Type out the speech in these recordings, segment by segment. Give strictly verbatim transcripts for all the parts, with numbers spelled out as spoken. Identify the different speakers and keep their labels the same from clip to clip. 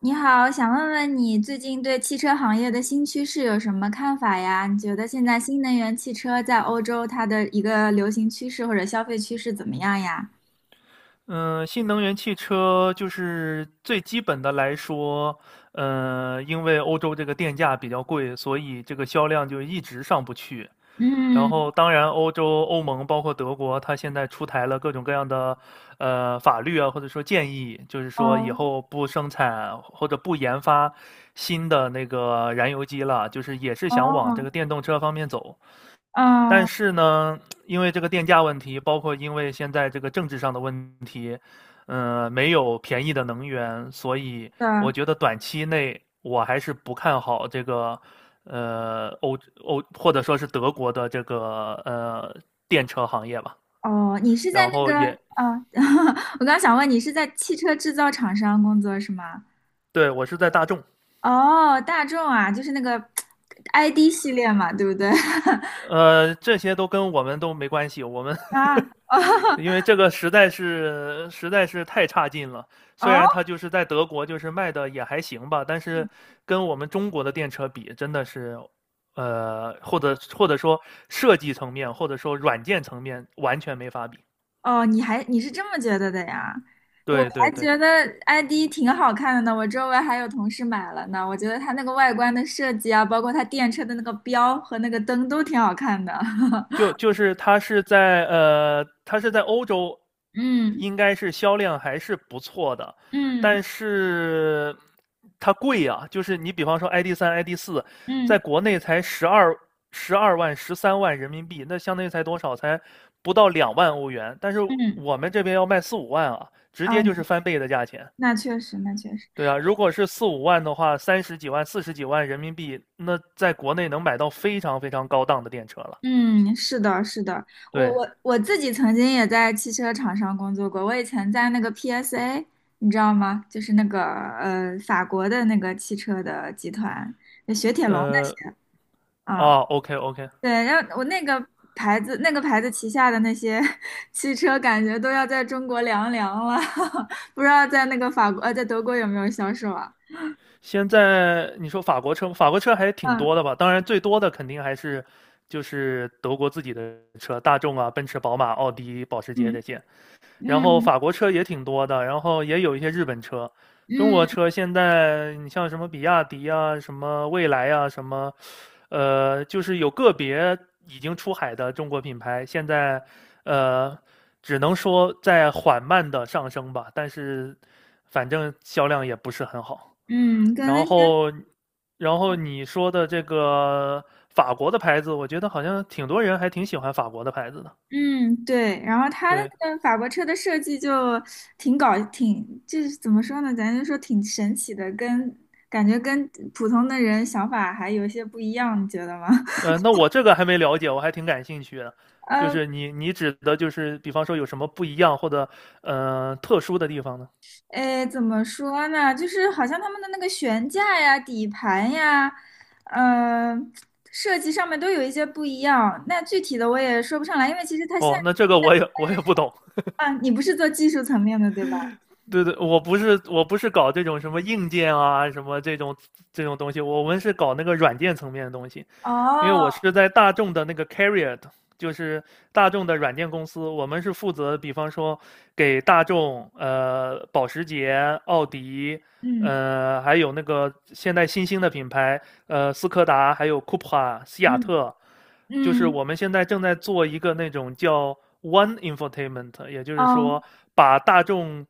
Speaker 1: 你好，想问问你最近对汽车行业的新趋势有什么看法呀？你觉得现在新能源汽车在欧洲它的一个流行趋势或者消费趋势怎么样呀？
Speaker 2: 嗯，新能源汽车就是最基本的来说，呃，因为欧洲这个电价比较贵，所以这个销量就一直上不去。然后，
Speaker 1: 嗯。
Speaker 2: 当然，欧洲、欧盟包括德国，它现在出台了各种各样的呃法律啊，或者说建议，就是说以
Speaker 1: 哦。
Speaker 2: 后不生产或者不研发新的那个燃油机了，就是也是想往这
Speaker 1: 哦。
Speaker 2: 个电动车方面走。但
Speaker 1: 嗯。
Speaker 2: 是呢，因为这个电价问题，包括因为现在这个政治上的问题，嗯、呃没有便宜的能源，所以
Speaker 1: 对。
Speaker 2: 我觉得短期内我还是不看好这个，呃，欧欧或者说是德国的这个呃电车行业吧。
Speaker 1: 哦，你是在
Speaker 2: 然
Speaker 1: 那
Speaker 2: 后
Speaker 1: 个，
Speaker 2: 也
Speaker 1: 啊？我刚想问你是在汽车制造厂商工作是吗？
Speaker 2: 对我是在大众，
Speaker 1: 哦，大众啊，就是那个 I D 系列嘛，对不对？
Speaker 2: 呃，这些都跟我们都没关系，我们
Speaker 1: 啊。哦。
Speaker 2: 因为这个实在是实在是太差劲了。虽然
Speaker 1: 哦。
Speaker 2: 它就是在德国，就是卖的也还行吧，但是跟我们中国的电车比，真的是，呃，或者或者说设计层面，或者说软件层面，完全没法比。
Speaker 1: 哦，你还你是这么觉得的呀？我
Speaker 2: 对对
Speaker 1: 还
Speaker 2: 对。
Speaker 1: 觉得 I D 挺好看的呢，我周围还有同事买了呢。我觉得它那个外观的设计啊，包括它电车的那个标和那个灯都挺好看的。
Speaker 2: 就 就是它是在呃，它是在欧洲，
Speaker 1: 嗯
Speaker 2: 应该是销量还是不错的，
Speaker 1: 嗯
Speaker 2: 但是它贵呀、就是你比方说 I D 三、I D 四，在
Speaker 1: 嗯
Speaker 2: 国内才十二十二万、十三万人民币，那相当于才多少？才不到两万欧元，但是
Speaker 1: 嗯，
Speaker 2: 我们这边要卖四五万啊，直
Speaker 1: 啊，
Speaker 2: 接就是翻倍的价钱。
Speaker 1: 那确实，那确实。
Speaker 2: 对啊，如果是四五万的话，三十几万、四十几万人民币，那在国内能买到非常非常高档的电车了。
Speaker 1: 嗯，是的，是的，我
Speaker 2: 对，
Speaker 1: 我我自己曾经也在汽车厂商工作过，我以前在那个 P S A，你知道吗？就是那个呃法国的那个汽车的集团，就雪铁龙的。
Speaker 2: 呃，
Speaker 1: 啊
Speaker 2: 哦 o k OK，
Speaker 1: 对，然后我那个牌子，那个牌子旗下的那些 汽车，感觉都要在中国凉凉了，不知道在那个法国，呃，在德国有没有销售啊？
Speaker 2: 现在你说法国车，法国车还挺
Speaker 1: 嗯
Speaker 2: 多的吧？当然，最多的肯定还是就是德国自己的车，大众啊、奔驰、宝马、奥迪、保时捷
Speaker 1: 嗯
Speaker 2: 这些。然后
Speaker 1: 嗯
Speaker 2: 法国车也挺多的，然后也有一些日本车。中
Speaker 1: 嗯
Speaker 2: 国车现在你像什么比亚迪啊、什么蔚来啊、什么呃，就是有个别已经出海的中国品牌，现在呃，只能说在缓慢的上升吧，但是反正销量也不是很好。
Speaker 1: 嗯，跟那
Speaker 2: 然
Speaker 1: 些
Speaker 2: 后，然后你说的这个法国的牌子，我觉得好像挺多人还挺喜欢法国的牌子的。
Speaker 1: 嗯对，然后他的
Speaker 2: 对，
Speaker 1: 那个法国车的设计就挺搞，挺就是怎么说呢，咱就说挺神奇的，跟感觉跟普通的人想法还有些不一样，你觉得吗？
Speaker 2: 呃，那我这个还没了解，我还挺感兴趣的。就是你你指的就是，比方说有什么不一样或者呃特殊的地方呢？
Speaker 1: 哎，怎么说呢？就是好像他们的那个悬架呀、底盘呀，嗯，设计上面都有一些不一样。那具体的我也说不上来，因为其实它现
Speaker 2: 哦，那这个我也我也不懂。
Speaker 1: 在啊，你不是做技术层面的，对吧？
Speaker 2: 对对，我不是我不是搞这种什么硬件啊，什么这种这种东西，我们是搞那个软件层面的东西。因为
Speaker 1: 哦。
Speaker 2: 我是在大众的那个 Carrier，就是大众的软件公司，我们是负责，比方说给大众、呃保时捷、奥迪，
Speaker 1: 嗯
Speaker 2: 呃还有那个现在新兴的品牌，呃斯柯达，还有 Cupra、西雅
Speaker 1: 嗯
Speaker 2: 特，就是
Speaker 1: 嗯。
Speaker 2: 我们现在正在做一个那种叫 One Infotainment，也就是
Speaker 1: 哦
Speaker 2: 说把大众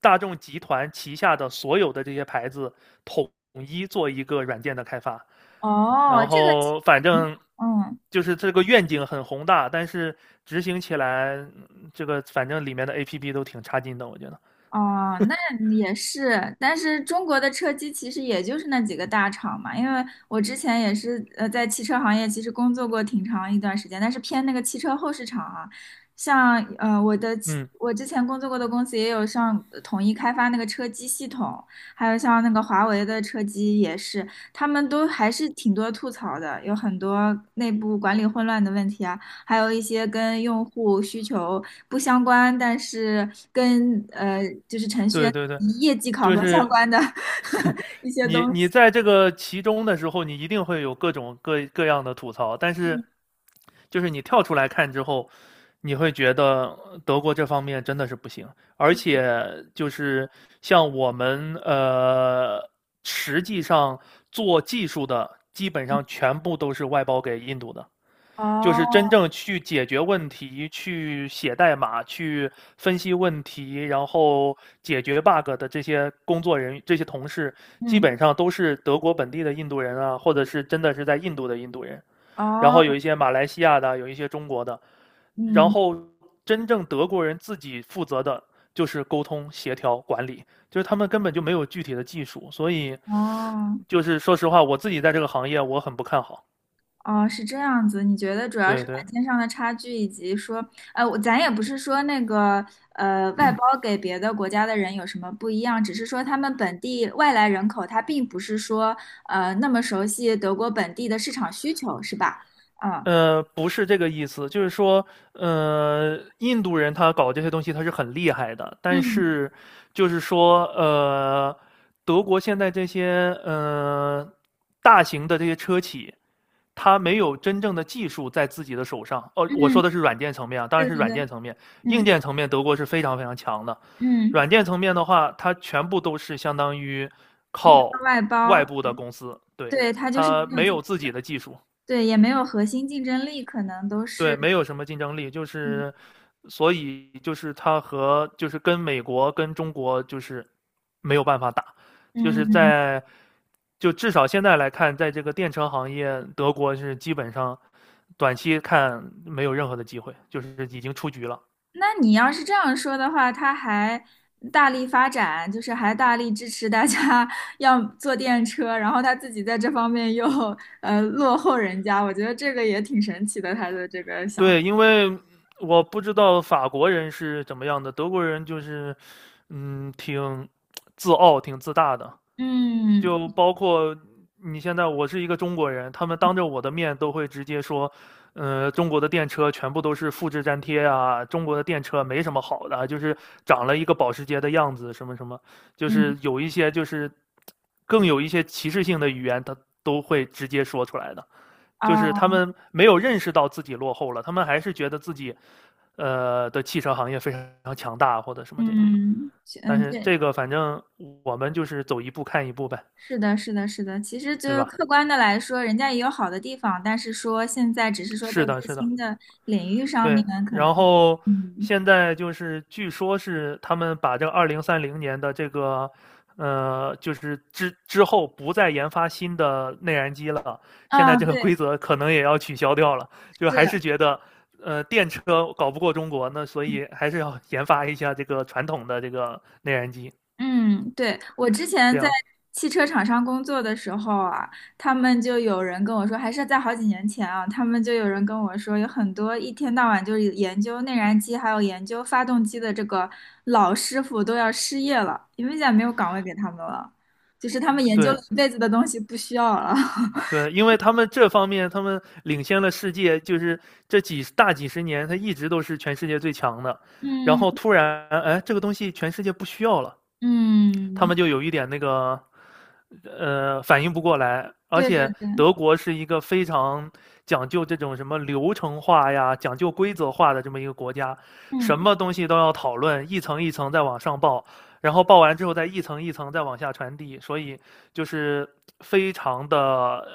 Speaker 2: 大众集团旗下的所有的这些牌子统一做一个软件的开发。
Speaker 1: 哦，
Speaker 2: 然
Speaker 1: 这个，
Speaker 2: 后反正
Speaker 1: 嗯
Speaker 2: 就是这个愿景很宏大，但是执行起来，嗯这个反正里面的 A P P 都挺差劲的，我觉得。
Speaker 1: 哦，那也是，但是中国的车机其实也就是那几个大厂嘛，因为我之前也是呃在汽车行业其实工作过挺长一段时间，但是偏那个汽车后市场啊，像呃我的汽
Speaker 2: 嗯，
Speaker 1: 我之前工作过的公司也有像呃统一开发那个车机系统，还有像那个华为的车机也是，他们都还是挺多吐槽的，有很多内部管理混乱的问题啊。还有一些跟用户需求不相关，但是跟呃就是程序
Speaker 2: 对
Speaker 1: 员
Speaker 2: 对对，
Speaker 1: 业绩考
Speaker 2: 就
Speaker 1: 核相
Speaker 2: 是
Speaker 1: 关的 一些
Speaker 2: 你
Speaker 1: 东
Speaker 2: 你
Speaker 1: 西。
Speaker 2: 在这个其中的时候，你一定会有各种各各样的吐槽，但是
Speaker 1: 嗯
Speaker 2: 就是你跳出来看之后，你会觉得德国这方面真的是不行，而且就是像我们呃，实际上做技术的基本上全部都是外包给印度的，就是真
Speaker 1: 哦。
Speaker 2: 正去解决问题、去写代码、去分析问题，然后解决 bug 的这些工作人员、这些同事，基
Speaker 1: 嗯。
Speaker 2: 本上都是德国本地的印度人啊，或者是真的是在印度的印度人，然
Speaker 1: 哦。
Speaker 2: 后有一些马来西亚的，有一些中国的，然
Speaker 1: 嗯。
Speaker 2: 后真正德国人自己负责的就是沟通、协调、管理，就是他们根本就没有具体的技术，所以
Speaker 1: 哦。
Speaker 2: 就是说实话，我自己在这个行业我很不看好。
Speaker 1: 哦，是这样子。你觉得主要是
Speaker 2: 对
Speaker 1: 软
Speaker 2: 对，
Speaker 1: 件上的差距，以及说，呃，我咱也不是说那个呃外包给别的国家的人有什么不一样，只是说他们本地外来人口，他并不是说呃那么熟悉德国本地的市场需求，是吧？啊。
Speaker 2: 呃，不是这个意思，就是说，呃，印度人他搞这些东西他是很厉害的，但
Speaker 1: 嗯
Speaker 2: 是就是说，呃，德国现在这些呃大型的这些车企，他没有真正的技术在自己的手上。哦，我说
Speaker 1: 嗯，
Speaker 2: 的是软件层面啊，当然
Speaker 1: 对
Speaker 2: 是
Speaker 1: 对
Speaker 2: 软
Speaker 1: 对。
Speaker 2: 件层面，硬
Speaker 1: 嗯
Speaker 2: 件层面德国是非常非常强的。
Speaker 1: 嗯，
Speaker 2: 软件层面的话，它全部都是相当于
Speaker 1: 依靠
Speaker 2: 靠
Speaker 1: 外
Speaker 2: 外
Speaker 1: 包。
Speaker 2: 部的
Speaker 1: 对
Speaker 2: 公司，对，
Speaker 1: 对，他就是
Speaker 2: 它
Speaker 1: 没有
Speaker 2: 没
Speaker 1: 自己
Speaker 2: 有自
Speaker 1: 的。
Speaker 2: 己的技术。
Speaker 1: 对，也没有核心竞争力，可能都
Speaker 2: 对，
Speaker 1: 是。
Speaker 2: 没有什么竞争力，就是
Speaker 1: 嗯
Speaker 2: 所以就是他和就是跟美国跟中国就是没有办法打，就是
Speaker 1: 嗯。
Speaker 2: 在就至少现在来看，在这个电车行业，德国是基本上短期看没有任何的机会，就是已经出局了。
Speaker 1: 那你要是这样说的话，他还大力发展，就是还大力支持大家 要坐电车，然后他自己在这方面又呃落后人家，我觉得这个也挺神奇的，他的这个想法
Speaker 2: 对，因为我不知道法国人是怎么样的，德国人就是嗯挺自傲、挺自大的，就
Speaker 1: 嗯
Speaker 2: 包括你现在，我是一个中国人，他们当着我的面都会直接说，呃，中国的电车全部都是复制粘贴啊，中国的电车没什么好的啊，就是长了一个保时捷的样子，什么什么，就
Speaker 1: 嗯
Speaker 2: 是有一些就是更有一些歧视性的语言，他都会直接说出来的。就是
Speaker 1: 啊
Speaker 2: 他们没有认识到自己落后了，他们还是觉得自己呃的汽车行业非常强大或者什么这种。
Speaker 1: 嗯
Speaker 2: 但
Speaker 1: 嗯。
Speaker 2: 是
Speaker 1: 对，
Speaker 2: 这个反正我们就是走一步看一步呗，
Speaker 1: 是的，是的，是的。其实
Speaker 2: 对
Speaker 1: 就
Speaker 2: 吧？
Speaker 1: 客观的来说，人家也有好的地方，但是说现在只是说在
Speaker 2: 是的，
Speaker 1: 最
Speaker 2: 是的，
Speaker 1: 新的领域上面，
Speaker 2: 对。
Speaker 1: 可能
Speaker 2: 然后
Speaker 1: 嗯
Speaker 2: 现在就是据说是他们把这个二零三零年的这个，呃，就是之之后不再研发新的内燃机了，现在
Speaker 1: 啊
Speaker 2: 这个规
Speaker 1: 对。
Speaker 2: 则可能也要取消掉了。就还是
Speaker 1: 是。
Speaker 2: 觉得，呃，电车搞不过中国，那所以还是要 研发一下这个传统的这个内燃机，
Speaker 1: 嗯，对，我之
Speaker 2: 这
Speaker 1: 前在
Speaker 2: 样
Speaker 1: 汽车厂商工作的时候啊，他们就有人跟我说，还是在好几年前啊，他们就有人跟我说，有很多一天到晚就是研究内燃机还有研究发动机的这个老师傅都要失业了，因为现在没有岗位给他们了，就是他们研究
Speaker 2: 对。
Speaker 1: 了一辈子的东西不需要了。
Speaker 2: 对，因为他们这方面，他们领先了世界，就是这几大几十年，他一直都是全世界最强的。然
Speaker 1: 嗯
Speaker 2: 后突然，哎，这个东西全世界不需要了，他
Speaker 1: 嗯，
Speaker 2: 们就有一点那个，呃，反应不过来。而
Speaker 1: 对对
Speaker 2: 且
Speaker 1: 对。
Speaker 2: 德国是一个非常讲究这种什么流程化呀、讲究规则化的这么一个国家，什
Speaker 1: 嗯
Speaker 2: 么东西都要讨论，一层一层再往上报，然后报完之后再一层一层再往下传递，所以就是非常的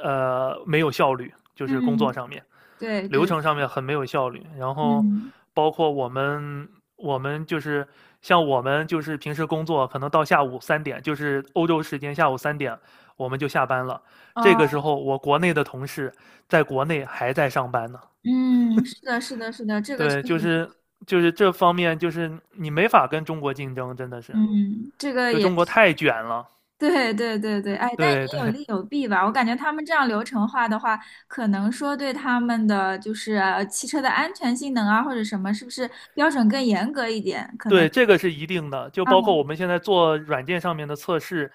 Speaker 2: 呃没有效率，就是工作
Speaker 1: 嗯，
Speaker 2: 上面。
Speaker 1: 对
Speaker 2: 流
Speaker 1: 对。
Speaker 2: 程上面很没有效率。然后
Speaker 1: 嗯
Speaker 2: 包括我们，我们就是像我们就是平时工作，可能到下午三点，就是欧洲时间下午三点，我们就下班了。这个
Speaker 1: 哦，
Speaker 2: 时候，我国内的同事在国内还在上班呢。
Speaker 1: 嗯，是的，是的，是的，这个确
Speaker 2: 对，就
Speaker 1: 实。
Speaker 2: 是就是这方面，就是你没法跟中国竞争，真的是，
Speaker 1: 嗯，这个
Speaker 2: 就
Speaker 1: 也
Speaker 2: 中国太卷了。
Speaker 1: 对，对，对，对。哎，但也
Speaker 2: 对
Speaker 1: 有
Speaker 2: 对，
Speaker 1: 利有弊吧。我感觉他们这样流程化的话，可能说对他们的就是呃汽车的安全性能啊，或者什么，是不是标准更严格一点？可能
Speaker 2: 对，这个是一定的，就
Speaker 1: 啊，
Speaker 2: 包括我们现在做软件上面的测试，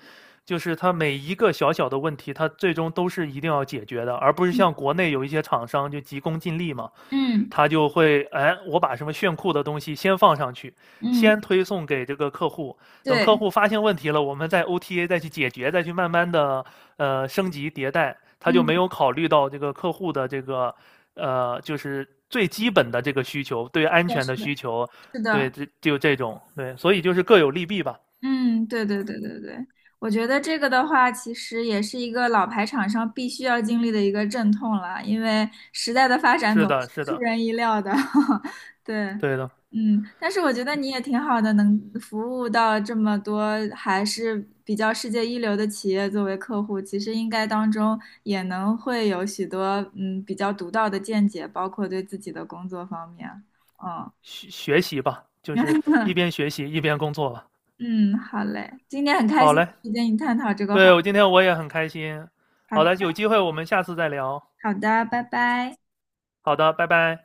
Speaker 2: 就是它每一个小小的问题，它最终都是一定要解决的，而不是像
Speaker 1: 嗯
Speaker 2: 国内有一些厂商就急功近利嘛，
Speaker 1: 嗯
Speaker 2: 他就会，哎，我把什么炫酷的东西先放上去，
Speaker 1: 嗯，
Speaker 2: 先推送给这个客户，等客
Speaker 1: 对，
Speaker 2: 户发现问题了，我们再 O T A 再去解决，再去慢慢的呃升级迭代，他就
Speaker 1: 嗯，
Speaker 2: 没有考虑到这个客户的这个呃就是最基本的这个需求，对安
Speaker 1: 是的，
Speaker 2: 全
Speaker 1: 是
Speaker 2: 的
Speaker 1: 的，
Speaker 2: 需求。
Speaker 1: 是
Speaker 2: 对，
Speaker 1: 的。
Speaker 2: 这就这种，对，所以就是各有利弊吧。
Speaker 1: 嗯，对对对对对，我觉得这个的话，其实也是一个老牌厂商必须要经历的一个阵痛了，因为时代的发展
Speaker 2: 是
Speaker 1: 总
Speaker 2: 的，
Speaker 1: 是
Speaker 2: 是
Speaker 1: 出
Speaker 2: 的，
Speaker 1: 人意料的。对。
Speaker 2: 对的，
Speaker 1: 嗯，但是我觉得你也挺好的，能服务到这么多还是比较世界一流的企业作为客户，其实应该当中也能会有许多嗯比较独到的见解，包括对自己的工作方面。嗯。
Speaker 2: 学学习吧，就是一 边学习一边工作吧。
Speaker 1: 嗯，好嘞，今天很开
Speaker 2: 好
Speaker 1: 心
Speaker 2: 嘞，
Speaker 1: 可以跟你探讨这个话
Speaker 2: 对，
Speaker 1: 题。
Speaker 2: 我今天我也很开心。
Speaker 1: 好
Speaker 2: 好
Speaker 1: 的。
Speaker 2: 的，有机会我们下次再聊。
Speaker 1: 好的，拜拜。
Speaker 2: 好的，拜拜。